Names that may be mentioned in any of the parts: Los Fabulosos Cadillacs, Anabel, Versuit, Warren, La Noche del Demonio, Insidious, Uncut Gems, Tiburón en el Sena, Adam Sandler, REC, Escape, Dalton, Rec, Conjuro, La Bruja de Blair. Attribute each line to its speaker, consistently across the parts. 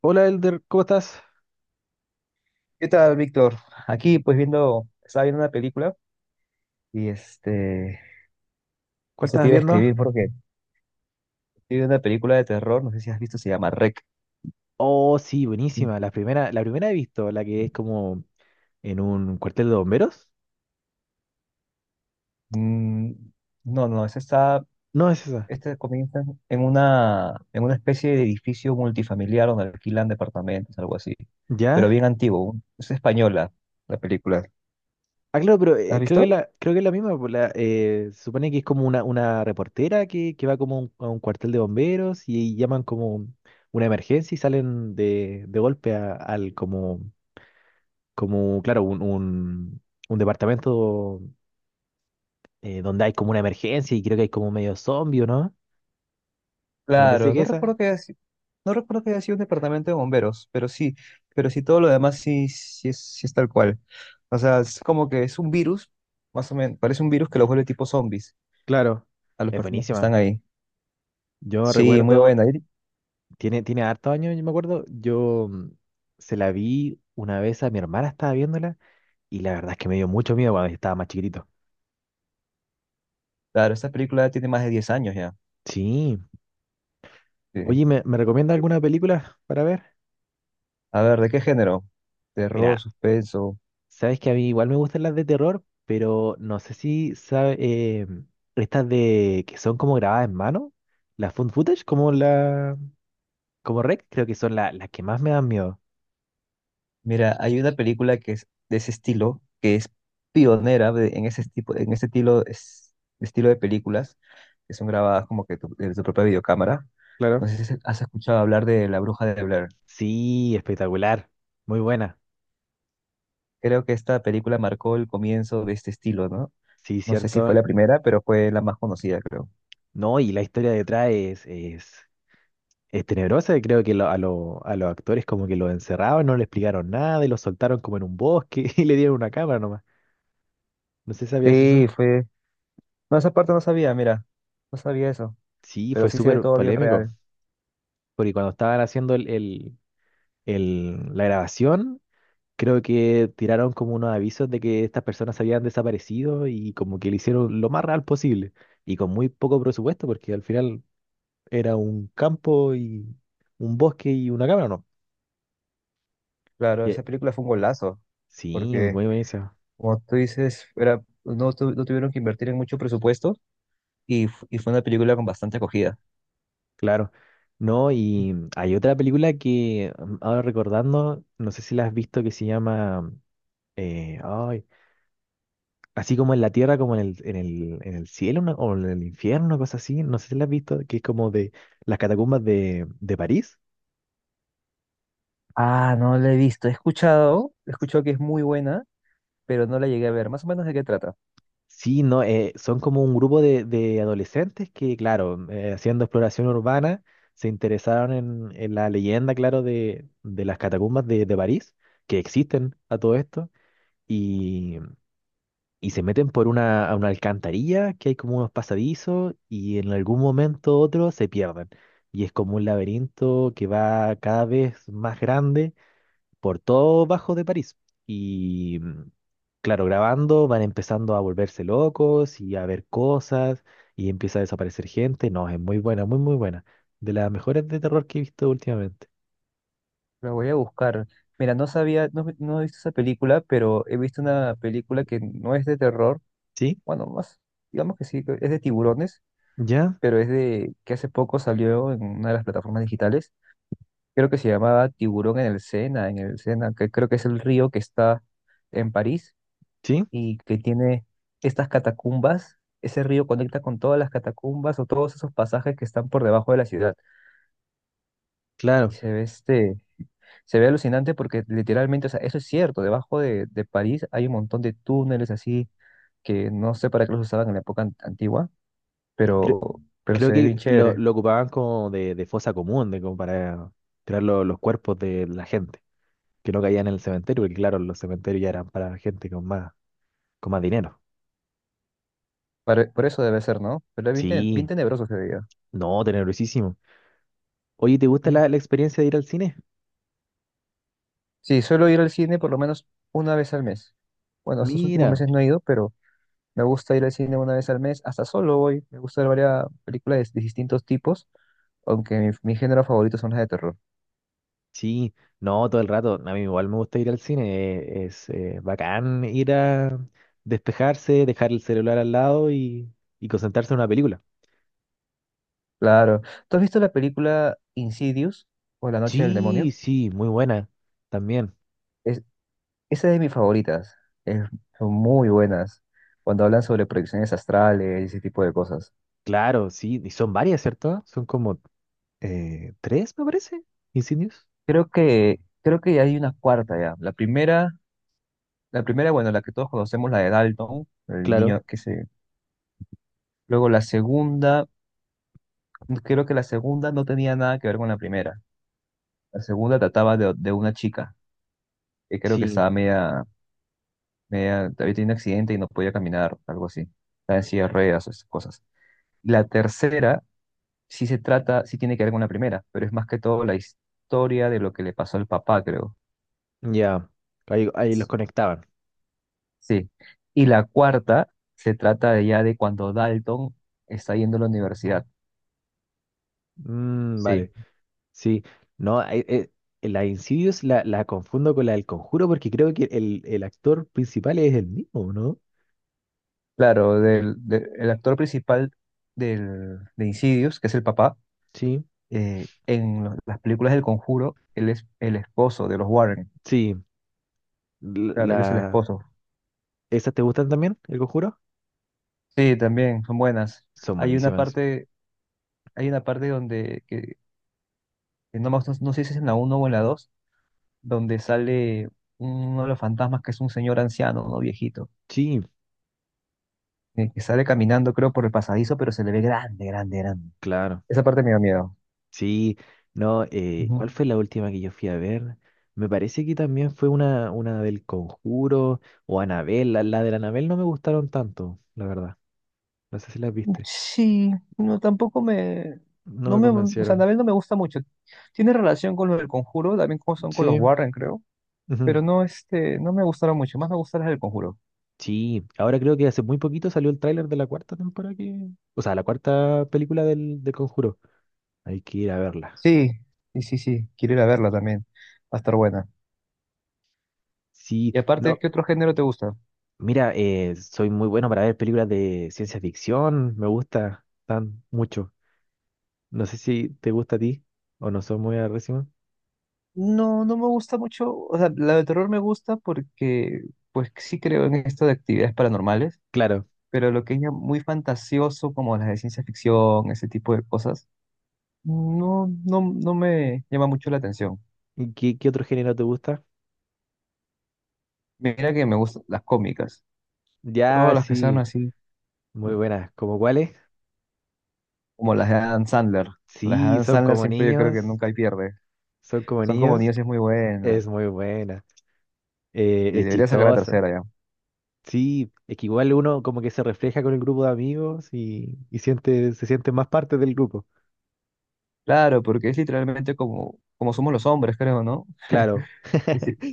Speaker 1: Hola Elder, ¿cómo estás?
Speaker 2: ¿Qué tal, Víctor? Aquí, pues estaba viendo una película y
Speaker 1: ¿Cuál
Speaker 2: eso te
Speaker 1: estabas
Speaker 2: iba a
Speaker 1: viendo?
Speaker 2: escribir porque estoy viendo una película de terror, no sé si has visto, se llama REC.
Speaker 1: Oh, sí, buenísima. La primera he visto, la que es como en un cuartel de bomberos.
Speaker 2: Mm, no, no,
Speaker 1: No es esa.
Speaker 2: este comienza en una especie de edificio multifamiliar donde alquilan departamentos, algo así, pero
Speaker 1: ¿Ya?
Speaker 2: bien antiguo. Es española la película.
Speaker 1: Ah, claro, pero
Speaker 2: ¿La has
Speaker 1: creo que
Speaker 2: visto?
Speaker 1: la, creo que es la misma. Pues, la, se supone que es como una reportera que va como a a un cuartel de bomberos y llaman como una emergencia y salen de golpe al como, como, claro, un departamento donde hay como una emergencia y creo que hay como medio zombie, ¿o no? Me parece
Speaker 2: Claro,
Speaker 1: que esa.
Speaker 2: no recuerdo que haya sido un departamento de bomberos, pero sí todo lo demás sí, sí es tal cual. O sea, es como que es un virus, más o menos, parece un virus que los vuelve tipo zombies
Speaker 1: Claro,
Speaker 2: a las
Speaker 1: es
Speaker 2: personas que
Speaker 1: buenísima.
Speaker 2: están ahí.
Speaker 1: Yo
Speaker 2: Sí, muy
Speaker 1: recuerdo,
Speaker 2: buena.
Speaker 1: tiene, tiene hartos años, yo me acuerdo, yo, se la vi una vez a mi hermana, estaba viéndola, y la verdad es que me dio mucho miedo cuando estaba más chiquitito.
Speaker 2: Claro, esta película tiene más de 10 años ya.
Speaker 1: Sí. Oye,
Speaker 2: Sí.
Speaker 1: ¿me, me recomienda alguna película para ver?
Speaker 2: A ver, ¿de qué género? Terror,
Speaker 1: Mira,
Speaker 2: suspenso.
Speaker 1: sabes que a mí igual me gustan las de terror, pero no sé si sabes, estas de que son como grabadas en mano, las found footage, como la, como Rec, creo que son las que más me dan miedo.
Speaker 2: Mira, hay una película que es de ese estilo, que es pionera en ese tipo, en ese estilo, estilo de películas, que son grabadas como que desde tu propia videocámara. No
Speaker 1: Claro.
Speaker 2: sé si has escuchado hablar de La Bruja de Blair.
Speaker 1: Sí, espectacular, muy buena.
Speaker 2: Creo que esta película marcó el comienzo de este estilo, ¿no?
Speaker 1: Sí,
Speaker 2: No sé si fue
Speaker 1: cierto.
Speaker 2: la primera, pero fue la más conocida, creo.
Speaker 1: No, y la historia detrás es tenebrosa. Y creo que a los actores como que lo encerraban, no le explicaron nada y lo soltaron como en un bosque y le dieron una cámara nomás. No sé, ¿sabías
Speaker 2: Sí,
Speaker 1: eso?
Speaker 2: fue. No, esa parte no sabía, mira, no sabía eso,
Speaker 1: Sí,
Speaker 2: pero
Speaker 1: fue
Speaker 2: sí se ve
Speaker 1: súper
Speaker 2: todo bien
Speaker 1: polémico.
Speaker 2: real.
Speaker 1: Porque cuando estaban haciendo la grabación, creo que tiraron como unos avisos de que estas personas habían desaparecido y como que le hicieron lo más real posible. Y con muy poco presupuesto, porque al final era un campo y un bosque y una cámara, ¿no?
Speaker 2: Claro, esa película fue un golazo,
Speaker 1: Sí, muy
Speaker 2: porque,
Speaker 1: buena esa,
Speaker 2: como tú dices, era, no, tu- no tuvieron que invertir en mucho presupuesto y fue una película con bastante acogida.
Speaker 1: claro. No, y hay otra película que ahora recordando, no sé si la has visto, que se llama, ay, así como en la tierra, como en el, en el, en el cielo, o en el infierno, cosas así, no sé si la has visto, que es como de las catacumbas de París.
Speaker 2: Ah, no la he visto. He escuchado que es muy buena, pero no la llegué a ver. Más o menos de qué trata.
Speaker 1: Sí, no, son como un grupo de adolescentes que, claro, haciendo exploración urbana, se interesaron en la leyenda, claro, de las catacumbas de París, que existen a todo esto y, y se meten por una, a una alcantarilla que hay como unos pasadizos y en algún momento u otro se pierden. Y es como un laberinto que va cada vez más grande por todo bajo de París. Y claro, grabando van empezando a volverse locos y a ver cosas y empieza a desaparecer gente. No, es muy buena, muy, muy buena. De las mejores de terror que he visto últimamente.
Speaker 2: La voy a buscar. Mira, no sabía, no, no he visto esa película, pero he visto una película que no es de terror.
Speaker 1: ¿Sí?
Speaker 2: Bueno, más, digamos que sí, que es de tiburones,
Speaker 1: ¿Ya?
Speaker 2: pero es de que hace poco salió en una de las plataformas digitales. Creo que se llamaba Tiburón en el Sena, que creo que es el río que está en París
Speaker 1: ¿Sí?
Speaker 2: y que tiene estas catacumbas. Ese río conecta con todas las catacumbas o todos esos pasajes que están por debajo de la ciudad. Y
Speaker 1: Claro.
Speaker 2: se ve se ve alucinante porque literalmente, o sea, eso es cierto, debajo de París hay un montón de túneles así que no sé para qué los usaban en la época antigua,
Speaker 1: Creo-
Speaker 2: pero
Speaker 1: Creo
Speaker 2: se ve bien
Speaker 1: que
Speaker 2: chévere.
Speaker 1: lo ocupaban como de fosa común, de como para tirar los cuerpos de la gente, que no caían en el cementerio, porque claro, los cementerios ya eran para gente con más dinero.
Speaker 2: Por eso debe ser, ¿no? Pero es bien, bien
Speaker 1: Sí,
Speaker 2: tenebroso se veía.
Speaker 1: no, tenebrosísimo. Oye, ¿te gusta
Speaker 2: Mm.
Speaker 1: la, la experiencia de ir al cine?
Speaker 2: Sí, suelo ir al cine por lo menos una vez al mes. Bueno, estos últimos
Speaker 1: Mira,
Speaker 2: meses no he ido, pero me gusta ir al cine una vez al mes, hasta solo voy. Me gusta ver varias películas de distintos tipos, aunque mi género favorito son las de terror.
Speaker 1: sí, no, todo el rato. A mí igual me gusta ir al cine, es bacán ir a despejarse, dejar el celular al lado y concentrarse en una película.
Speaker 2: Claro. ¿Tú has visto la película Insidious o La Noche del Demonio?
Speaker 1: Sí, sí, muy buena también.
Speaker 2: Es, Esa es de mis favoritas. Es- son muy buenas cuando hablan sobre proyecciones astrales y ese tipo de cosas.
Speaker 1: Claro, sí, y son varias, ¿cierto? Son como tres, me parece, incendios.
Speaker 2: Creo que hay una cuarta ya. La primera, bueno, la que todos conocemos, la de Dalton, el
Speaker 1: Claro,
Speaker 2: niño que se... Luego la segunda, creo que la segunda no tenía nada que ver con la primera. La segunda trataba de una chica que creo que
Speaker 1: sí,
Speaker 2: estaba media, había tenido un accidente y no podía caminar, algo así. Estaba en silla de ruedas, esas cosas. La tercera sí se trata, sí tiene que ver con la primera, pero es más que todo la historia de lo que le pasó al papá, creo.
Speaker 1: ya, ahí, ahí los conectaban.
Speaker 2: Sí. Y la cuarta se trata de ya de cuando Dalton está yendo a la universidad.
Speaker 1: Mm,
Speaker 2: Sí.
Speaker 1: vale, sí, no, ahí, la de Insidious la, la confundo con la del Conjuro porque creo que el actor principal es el mismo, ¿no?
Speaker 2: Claro, el actor principal de Insidious, que es el papá,
Speaker 1: Sí,
Speaker 2: en las películas del Conjuro, él es el esposo de los Warren.
Speaker 1: sí, la,
Speaker 2: Claro,
Speaker 1: la-
Speaker 2: él es el esposo.
Speaker 1: ¿esas te gustan también, el Conjuro?
Speaker 2: Sí, también son buenas.
Speaker 1: Son
Speaker 2: Hay una
Speaker 1: buenísimas.
Speaker 2: parte, Hay una parte donde, que no, me- no sé si es en la uno o en la 2 donde sale uno de los fantasmas que es un señor anciano, ¿no? Viejito,
Speaker 1: Sí,
Speaker 2: que sale caminando, creo, por el pasadizo, pero se le ve grande, grande, grande.
Speaker 1: claro.
Speaker 2: Esa parte me da miedo.
Speaker 1: Sí, no,
Speaker 2: Ujú.
Speaker 1: ¿cuál fue la última que yo fui a ver? Me parece que también fue una del Conjuro o Anabel. La de la Anabel no me gustaron tanto, la verdad. No sé si las viste.
Speaker 2: Sí, no, tampoco me,
Speaker 1: No
Speaker 2: no
Speaker 1: me
Speaker 2: me, o sea,
Speaker 1: convencieron.
Speaker 2: Anabel no me gusta mucho. Tiene relación con lo del Conjuro, también como son con los
Speaker 1: Sí.
Speaker 2: Warren, creo.
Speaker 1: Ujú.
Speaker 2: Pero no, no me gustaron mucho, más me gustaron las del Conjuro.
Speaker 1: Sí, ahora creo que hace muy poquito salió el tráiler de la cuarta temporada que... O sea, la cuarta película del, del Conjuro. Hay que ir a verla.
Speaker 2: Sí, sí, sí, sí, quiero ir a verla también, va a estar buena.
Speaker 1: Sí,
Speaker 2: Y aparte,
Speaker 1: no,
Speaker 2: ¿qué otro género te gusta?
Speaker 1: mira, soy muy bueno para ver películas de ciencia ficción. Me gusta tan mucho. No sé si te gusta a ti o no son muy agresivos.
Speaker 2: No, no me gusta mucho, o sea, la de terror me gusta porque, pues sí creo en esto de actividades paranormales,
Speaker 1: Claro.
Speaker 2: pero lo que es ya muy fantasioso, como las de ciencia ficción, ese tipo de cosas, no, no, no me llama mucho la atención.
Speaker 1: ¿Y ¿qué, qué otro género te gusta?
Speaker 2: Mira que me gustan las cómicas,
Speaker 1: Ya,
Speaker 2: todas las que sean
Speaker 1: sí,
Speaker 2: así,
Speaker 1: muy buenas. ¿Cómo cuáles?
Speaker 2: como las de Adam Sandler. Las de
Speaker 1: Sí,
Speaker 2: Adam
Speaker 1: son
Speaker 2: Sandler
Speaker 1: como
Speaker 2: siempre yo creo que
Speaker 1: niños.
Speaker 2: nunca hay pierde.
Speaker 1: Son como
Speaker 2: Son como
Speaker 1: niños.
Speaker 2: niños y es muy
Speaker 1: Es
Speaker 2: buena.
Speaker 1: muy buena. Eh,
Speaker 2: Sí,
Speaker 1: es
Speaker 2: debería sacar la
Speaker 1: chistosa.
Speaker 2: tercera ya.
Speaker 1: Sí, es que igual uno como que se refleja con el grupo de amigos y siente, se siente más parte del grupo.
Speaker 2: Claro, porque es literalmente como, como somos los hombres, creo, ¿no?
Speaker 1: Claro.
Speaker 2: Y si-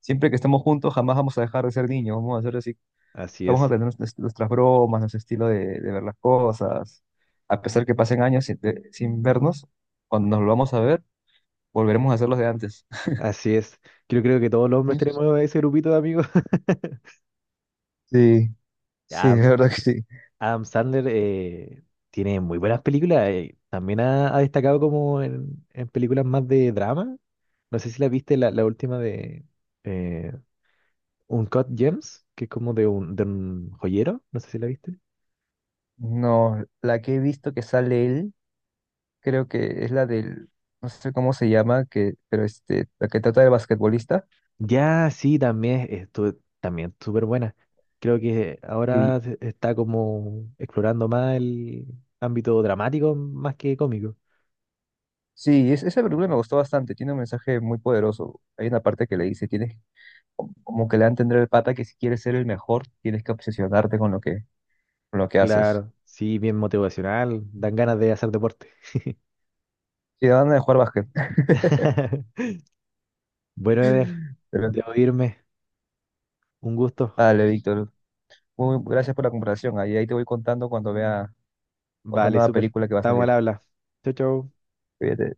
Speaker 2: siempre que estamos juntos, jamás vamos a dejar de ser niños. Vamos a hacer así,
Speaker 1: Así
Speaker 2: vamos a
Speaker 1: es.
Speaker 2: tener nuestras bromas, nuestro estilo de ver las cosas. A pesar que pasen años sin vernos, cuando nos volvamos a ver, volveremos a ser los de antes.
Speaker 1: Así es. Yo creo que todos los hombres
Speaker 2: Ujú.
Speaker 1: tenemos ese grupito de amigos.
Speaker 2: Sí, sí,
Speaker 1: Ya,
Speaker 2: de verdad que sí.
Speaker 1: Adam Sandler tiene muy buenas películas. También ha, ha destacado como en películas más de drama. No sé si la viste la, la última de eh, Uncut Gems, que es como de un joyero. No sé si la viste.
Speaker 2: No, la que he visto que sale él, creo que es la no sé cómo se llama, pero la que trata del basquetbolista.
Speaker 1: Ya, sí, también estuvo también súper buena. Creo que ahora está como explorando más el ámbito dramático más que cómico.
Speaker 2: Sí, esa película me gustó bastante, tiene un mensaje muy poderoso. Hay una parte que le dice, tienes como que le dan tendré el pata que si quieres ser el mejor, tienes que obsesionarte con lo que haces.
Speaker 1: Claro, sí, bien motivacional, dan ganas de hacer deporte.
Speaker 2: Sí, van a jugar básquet.
Speaker 1: Bueno, Eder,
Speaker 2: Pero,
Speaker 1: debo irme. Un gusto.
Speaker 2: vale, Víctor. Muy, gracias por la comparación. Ahí te voy contando cuando vea otra
Speaker 1: Vale,
Speaker 2: nueva
Speaker 1: súper.
Speaker 2: película que va a
Speaker 1: Estamos al
Speaker 2: salir.
Speaker 1: habla. Chau, chau.
Speaker 2: Cuídate.